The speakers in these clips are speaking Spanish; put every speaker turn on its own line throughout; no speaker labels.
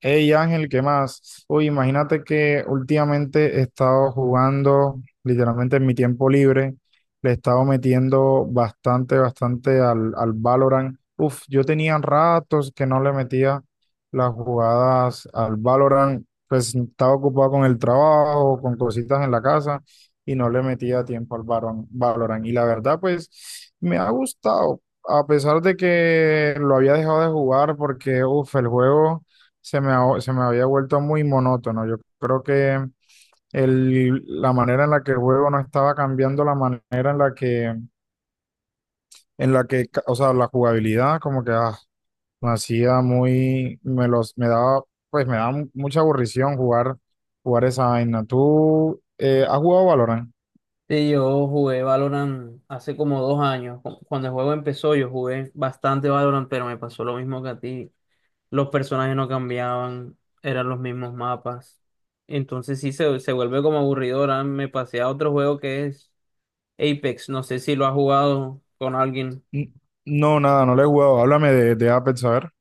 Hey Ángel, ¿qué más? Uy, imagínate que últimamente he estado jugando, literalmente en mi tiempo libre, le he estado metiendo bastante, bastante al Valorant. Uf, yo tenía ratos que no le metía las jugadas al Valorant, pues estaba ocupado con el trabajo, con cositas en la casa y no le metía tiempo al Valorant. Valorant. Y la verdad, pues me ha gustado, a pesar de que lo había dejado de jugar porque, uf, el juego se me había vuelto muy monótono. Yo creo que la manera en la que el juego no estaba cambiando, la manera en la que, en la que, o sea, la jugabilidad como que me hacía muy, me los, me daba, pues me daba mucha aburrición jugar, jugar esa vaina. ¿Tú has jugado Valorant?
Sí, yo jugué Valorant hace como 2 años. Cuando el juego empezó, yo jugué bastante Valorant, pero me pasó lo mismo que a ti. Los personajes no cambiaban, eran los mismos mapas. Entonces sí se vuelve como aburrido. Ahora me pasé a otro juego que es Apex. No sé si lo has jugado con alguien.
N- No, nada, no le he jugado. Háblame de Apex, a ver.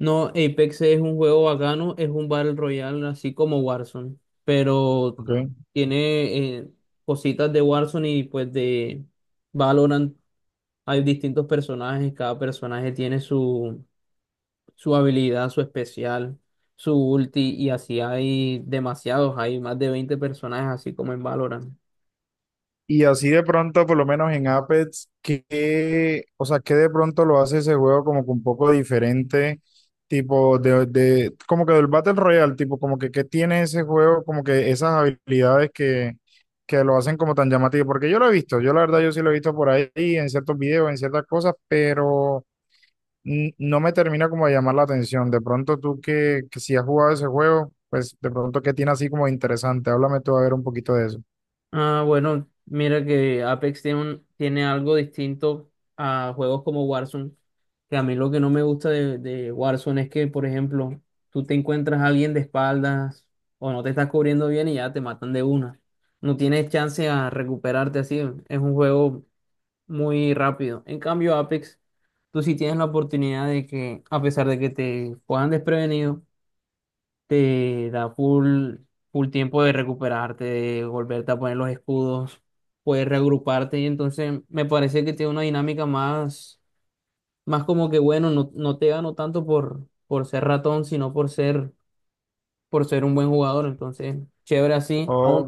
No, Apex es un juego bacano, es un Battle Royale, así como Warzone, pero
Ok.
tiene cositas de Warzone y pues de Valorant. Hay distintos personajes, cada personaje tiene su, su habilidad, su especial, su ulti, y así hay demasiados, hay más de 20 personajes, así como en Valorant.
Y así de pronto, por lo menos en Apex, que, o sea, que de pronto lo hace ese juego como que un poco diferente, tipo como que del Battle Royale, tipo como que qué tiene ese juego, como que esas habilidades que lo hacen como tan llamativo, porque yo lo he visto, yo la verdad yo sí lo he visto por ahí en ciertos videos, en ciertas cosas, pero no me termina como de llamar la atención. De pronto tú que si has jugado ese juego, pues de pronto qué tiene así como interesante, háblame tú a ver un poquito de eso.
Ah, bueno, mira que Apex tiene, tiene algo distinto a juegos como Warzone, que a mí lo que no me gusta de Warzone es que, por ejemplo, tú te encuentras a alguien de espaldas o no te estás cubriendo bien y ya te matan de una. No tienes chance a recuperarte así. Es un juego muy rápido. En cambio, Apex, tú sí tienes la oportunidad de que, a pesar de que te puedan desprevenido, te da full, full tiempo de recuperarte, de volverte a poner los escudos, puedes reagruparte y entonces me parece que tiene una dinámica más, más como que bueno, no te gano tanto por ser ratón, sino por ser, un buen jugador. Entonces, chévere así, aún.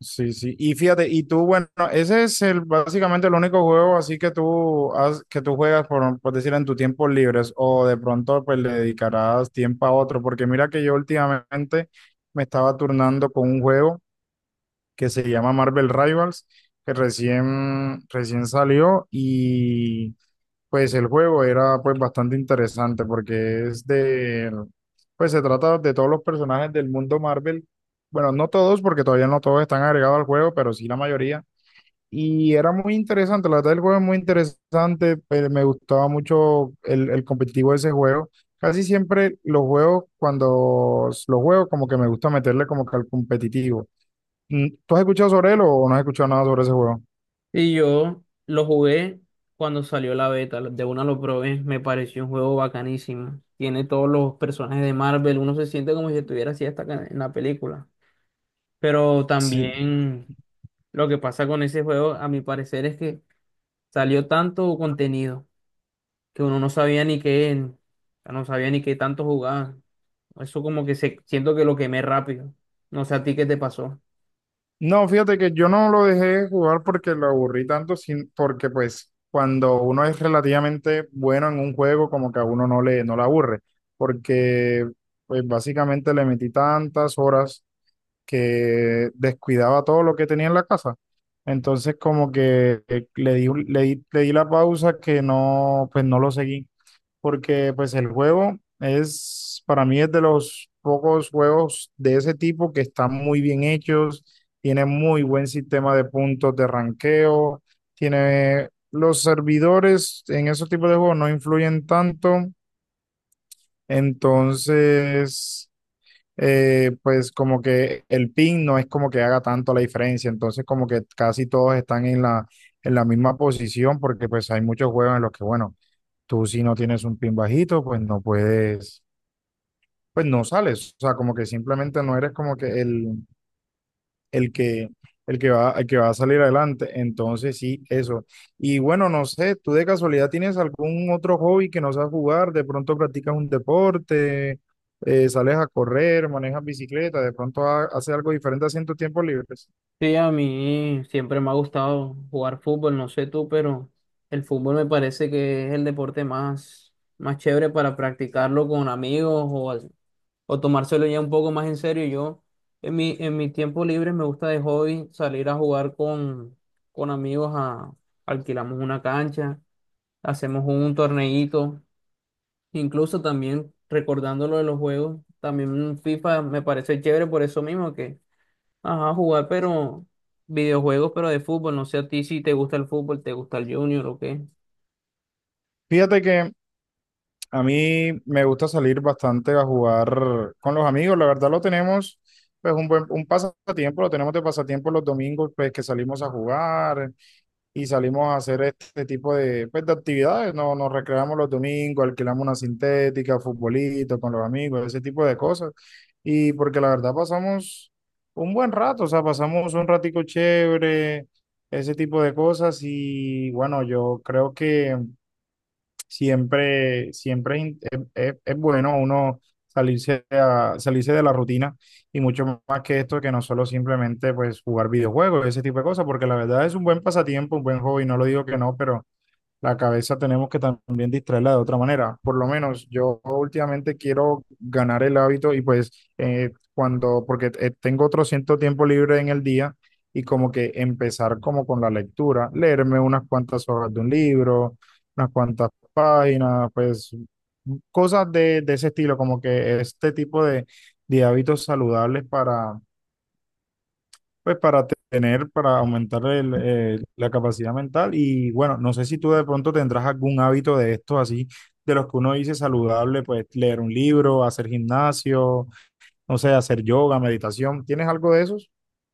Sí, sí. Y fíjate, y tú, bueno, ese es el básicamente el único juego así que que tú juegas por decir en tus tiempos libres o de pronto pues le dedicarás tiempo a otro, porque mira que yo últimamente me estaba turnando con un juego que se llama Marvel Rivals, que recién recién salió y pues el juego era pues bastante interesante porque pues se trata de todos los personajes del mundo Marvel. Bueno, no todos porque todavía no todos están agregados al juego, pero sí la mayoría. Y era muy interesante, la verdad el juego es muy interesante, pero me gustaba mucho el competitivo de ese juego. Casi siempre los juegos, cuando los juegos como que me gusta meterle como que al competitivo. ¿Tú has escuchado sobre él o no has escuchado nada sobre ese juego?
Y yo lo jugué cuando salió la beta, de una lo probé, me pareció un juego bacanísimo. Tiene todos los personajes de Marvel, uno se siente como si estuviera así hasta acá en la película. Pero
Sí.
también lo que pasa con ese juego, a mi parecer, es que salió tanto contenido que uno no sabía ni qué, no sabía ni qué tanto jugaba. Eso siento que lo quemé rápido. No sé a ti qué te pasó.
No, fíjate que yo no lo dejé jugar porque lo aburrí tanto, sin, porque pues cuando uno es relativamente bueno en un juego, como que a uno no le aburre, porque pues básicamente le metí tantas horas que descuidaba todo lo que tenía en la casa. Entonces como que le di, un- le di la pausa que no, pues no lo seguí porque pues el juego es, para mí es de los pocos juegos de ese tipo que están muy bien hechos, tiene muy buen sistema de puntos de ranqueo, tiene los servidores en esos tipos de juegos no influyen tanto, entonces pues como que el ping no es como que haga tanto la diferencia, entonces como que casi todos están en la misma posición porque pues hay muchos juegos en los que bueno, tú si no tienes un pin bajito, pues no puedes, pues no sales. O sea, como que simplemente no eres como que el que, el que va a salir adelante. Entonces sí, eso. Y bueno, no sé, ¿tú de casualidad tienes algún otro hobby que no sabes jugar? De pronto practicas un deporte, sales a correr, manejas bicicleta, de pronto haces algo diferente así en tus tiempos libres.
Sí, a mí siempre me ha gustado jugar fútbol, no sé tú, pero el fútbol me parece que es el deporte más, más chévere para practicarlo con amigos, o tomárselo ya un poco más en serio. Yo en mi tiempo libre me gusta de hobby salir a jugar con amigos, a, alquilamos una cancha, hacemos un torneíto, incluso también recordando lo de los juegos, también FIFA me parece chévere por eso mismo que, ajá, jugar, pero videojuegos, pero de fútbol. No sé a ti si te gusta el fútbol, te gusta el Junior o qué.
Fíjate que a mí me gusta salir bastante a jugar con los amigos. La verdad lo tenemos, pues un buen un pasatiempo, lo tenemos de pasatiempo los domingos, pues que salimos a jugar y salimos a hacer este tipo de, pues, de actividades. No, nos recreamos los domingos, alquilamos una sintética, futbolito con los amigos, ese tipo de cosas. Y porque la verdad pasamos un buen rato, o sea, pasamos un ratico chévere, ese tipo de cosas. Y bueno, yo creo que siempre, siempre es, in- es- es bueno uno salirse de la rutina y mucho más que esto, que no solo simplemente pues jugar videojuegos, ese tipo de cosas, porque la verdad es un buen pasatiempo, un buen hobby, no lo digo que no, pero la cabeza tenemos que también distraerla de otra manera. Por lo menos yo últimamente quiero ganar el hábito y pues porque tengo otro cierto tiempo libre en el día y como que empezar como con la lectura, leerme unas cuantas hojas de un libro, unas cuantas páginas, pues cosas de ese estilo, como que este tipo de hábitos saludables para pues para tener, para aumentar la capacidad mental y bueno, no sé si tú de pronto tendrás algún hábito de estos así, de los que uno dice saludable, pues leer un libro, hacer gimnasio, no sé, hacer yoga, meditación, ¿tienes algo de esos?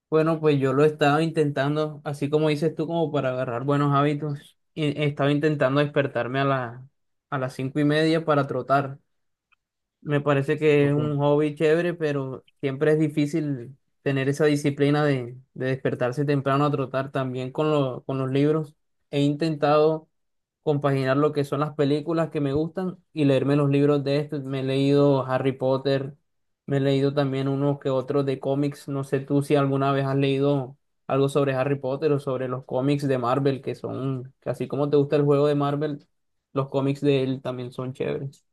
Bueno, pues yo lo estaba intentando, así como dices tú, como para agarrar buenos hábitos. Y estaba intentando despertarme a las 5:30 para trotar. Me parece que es
Porque
un hobby chévere, pero siempre es difícil tener esa disciplina de despertarse temprano a trotar también con los libros. He intentado compaginar lo que son las películas que me gustan y leerme los libros de estos. Me he leído Harry Potter, me he leído también unos que otros de cómics. No sé tú si alguna vez has leído algo sobre Harry Potter o sobre los cómics de Marvel, que son, que así como te gusta el juego de Marvel, los cómics de él también son chéveres.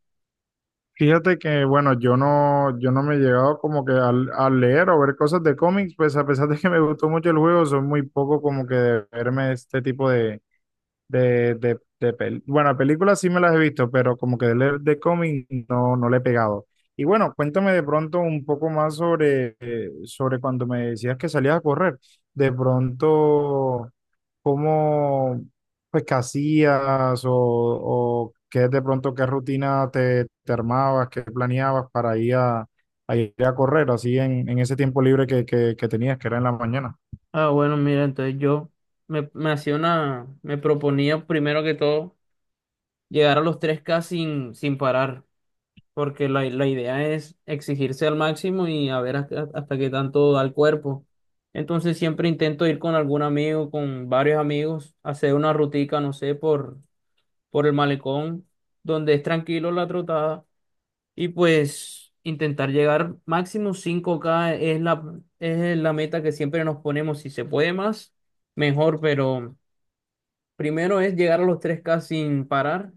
fíjate que bueno, yo no me he llegado como que al, a leer o ver cosas de cómics, pues a pesar de que me gustó mucho el juego, soy muy poco como que de verme este tipo de Bueno, películas sí me las he visto, pero como que leer de cómic no, no le he pegado. Y bueno, cuéntame de pronto un poco más sobre cuando me decías que salías a correr. De pronto, ¿cómo, pues, qué hacías o qué de pronto, qué rutina te armabas, qué planeabas para ir a ir a correr así en ese tiempo libre que tenías, que era en la mañana?
Ah, bueno, mira, entonces yo me hacía una, me proponía primero que todo llegar a los 3K sin parar, porque la idea es exigirse al máximo y a ver hasta qué tanto da el cuerpo. Entonces siempre intento ir con algún amigo, con varios amigos, hacer una rutica, no sé, por el malecón, donde es tranquilo la trotada y pues intentar llegar máximo 5K es la meta que siempre nos ponemos. Si se puede más, mejor, pero primero es llegar a los 3K sin parar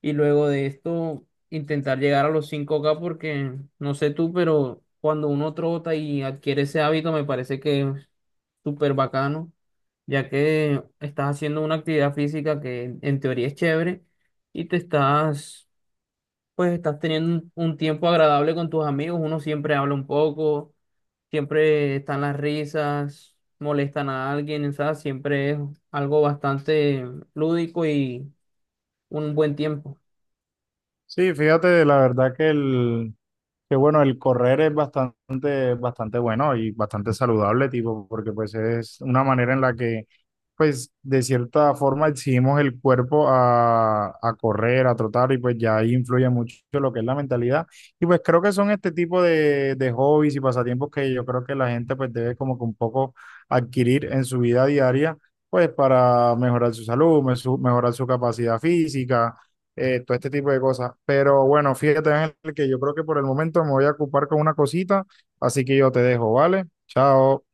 y luego de esto intentar llegar a los 5K porque no sé tú, pero cuando uno trota y adquiere ese hábito me parece que es súper bacano, ya que estás haciendo una actividad física que en teoría es chévere y te estás pues estás teniendo un tiempo agradable con tus amigos, uno siempre habla un poco, siempre están las risas, molestan a alguien, o sea, siempre es algo bastante lúdico y un buen tiempo.
Sí, fíjate, la verdad Que bueno, el correr es bastante, bastante bueno y bastante saludable, tipo, porque pues es una manera en la que, pues, de cierta forma exigimos el cuerpo a correr, a trotar, y pues ya ahí influye mucho lo que es la mentalidad. Y pues creo que son este tipo de hobbies y pasatiempos que yo creo que la gente pues debe como que un poco adquirir en su vida diaria, pues para mejorar su salud, mejorar su capacidad física, todo este tipo de cosas. Pero bueno, fíjate, Ángel, que yo creo que por el momento me voy a ocupar con una cosita, así que yo te dejo, ¿vale? Chao.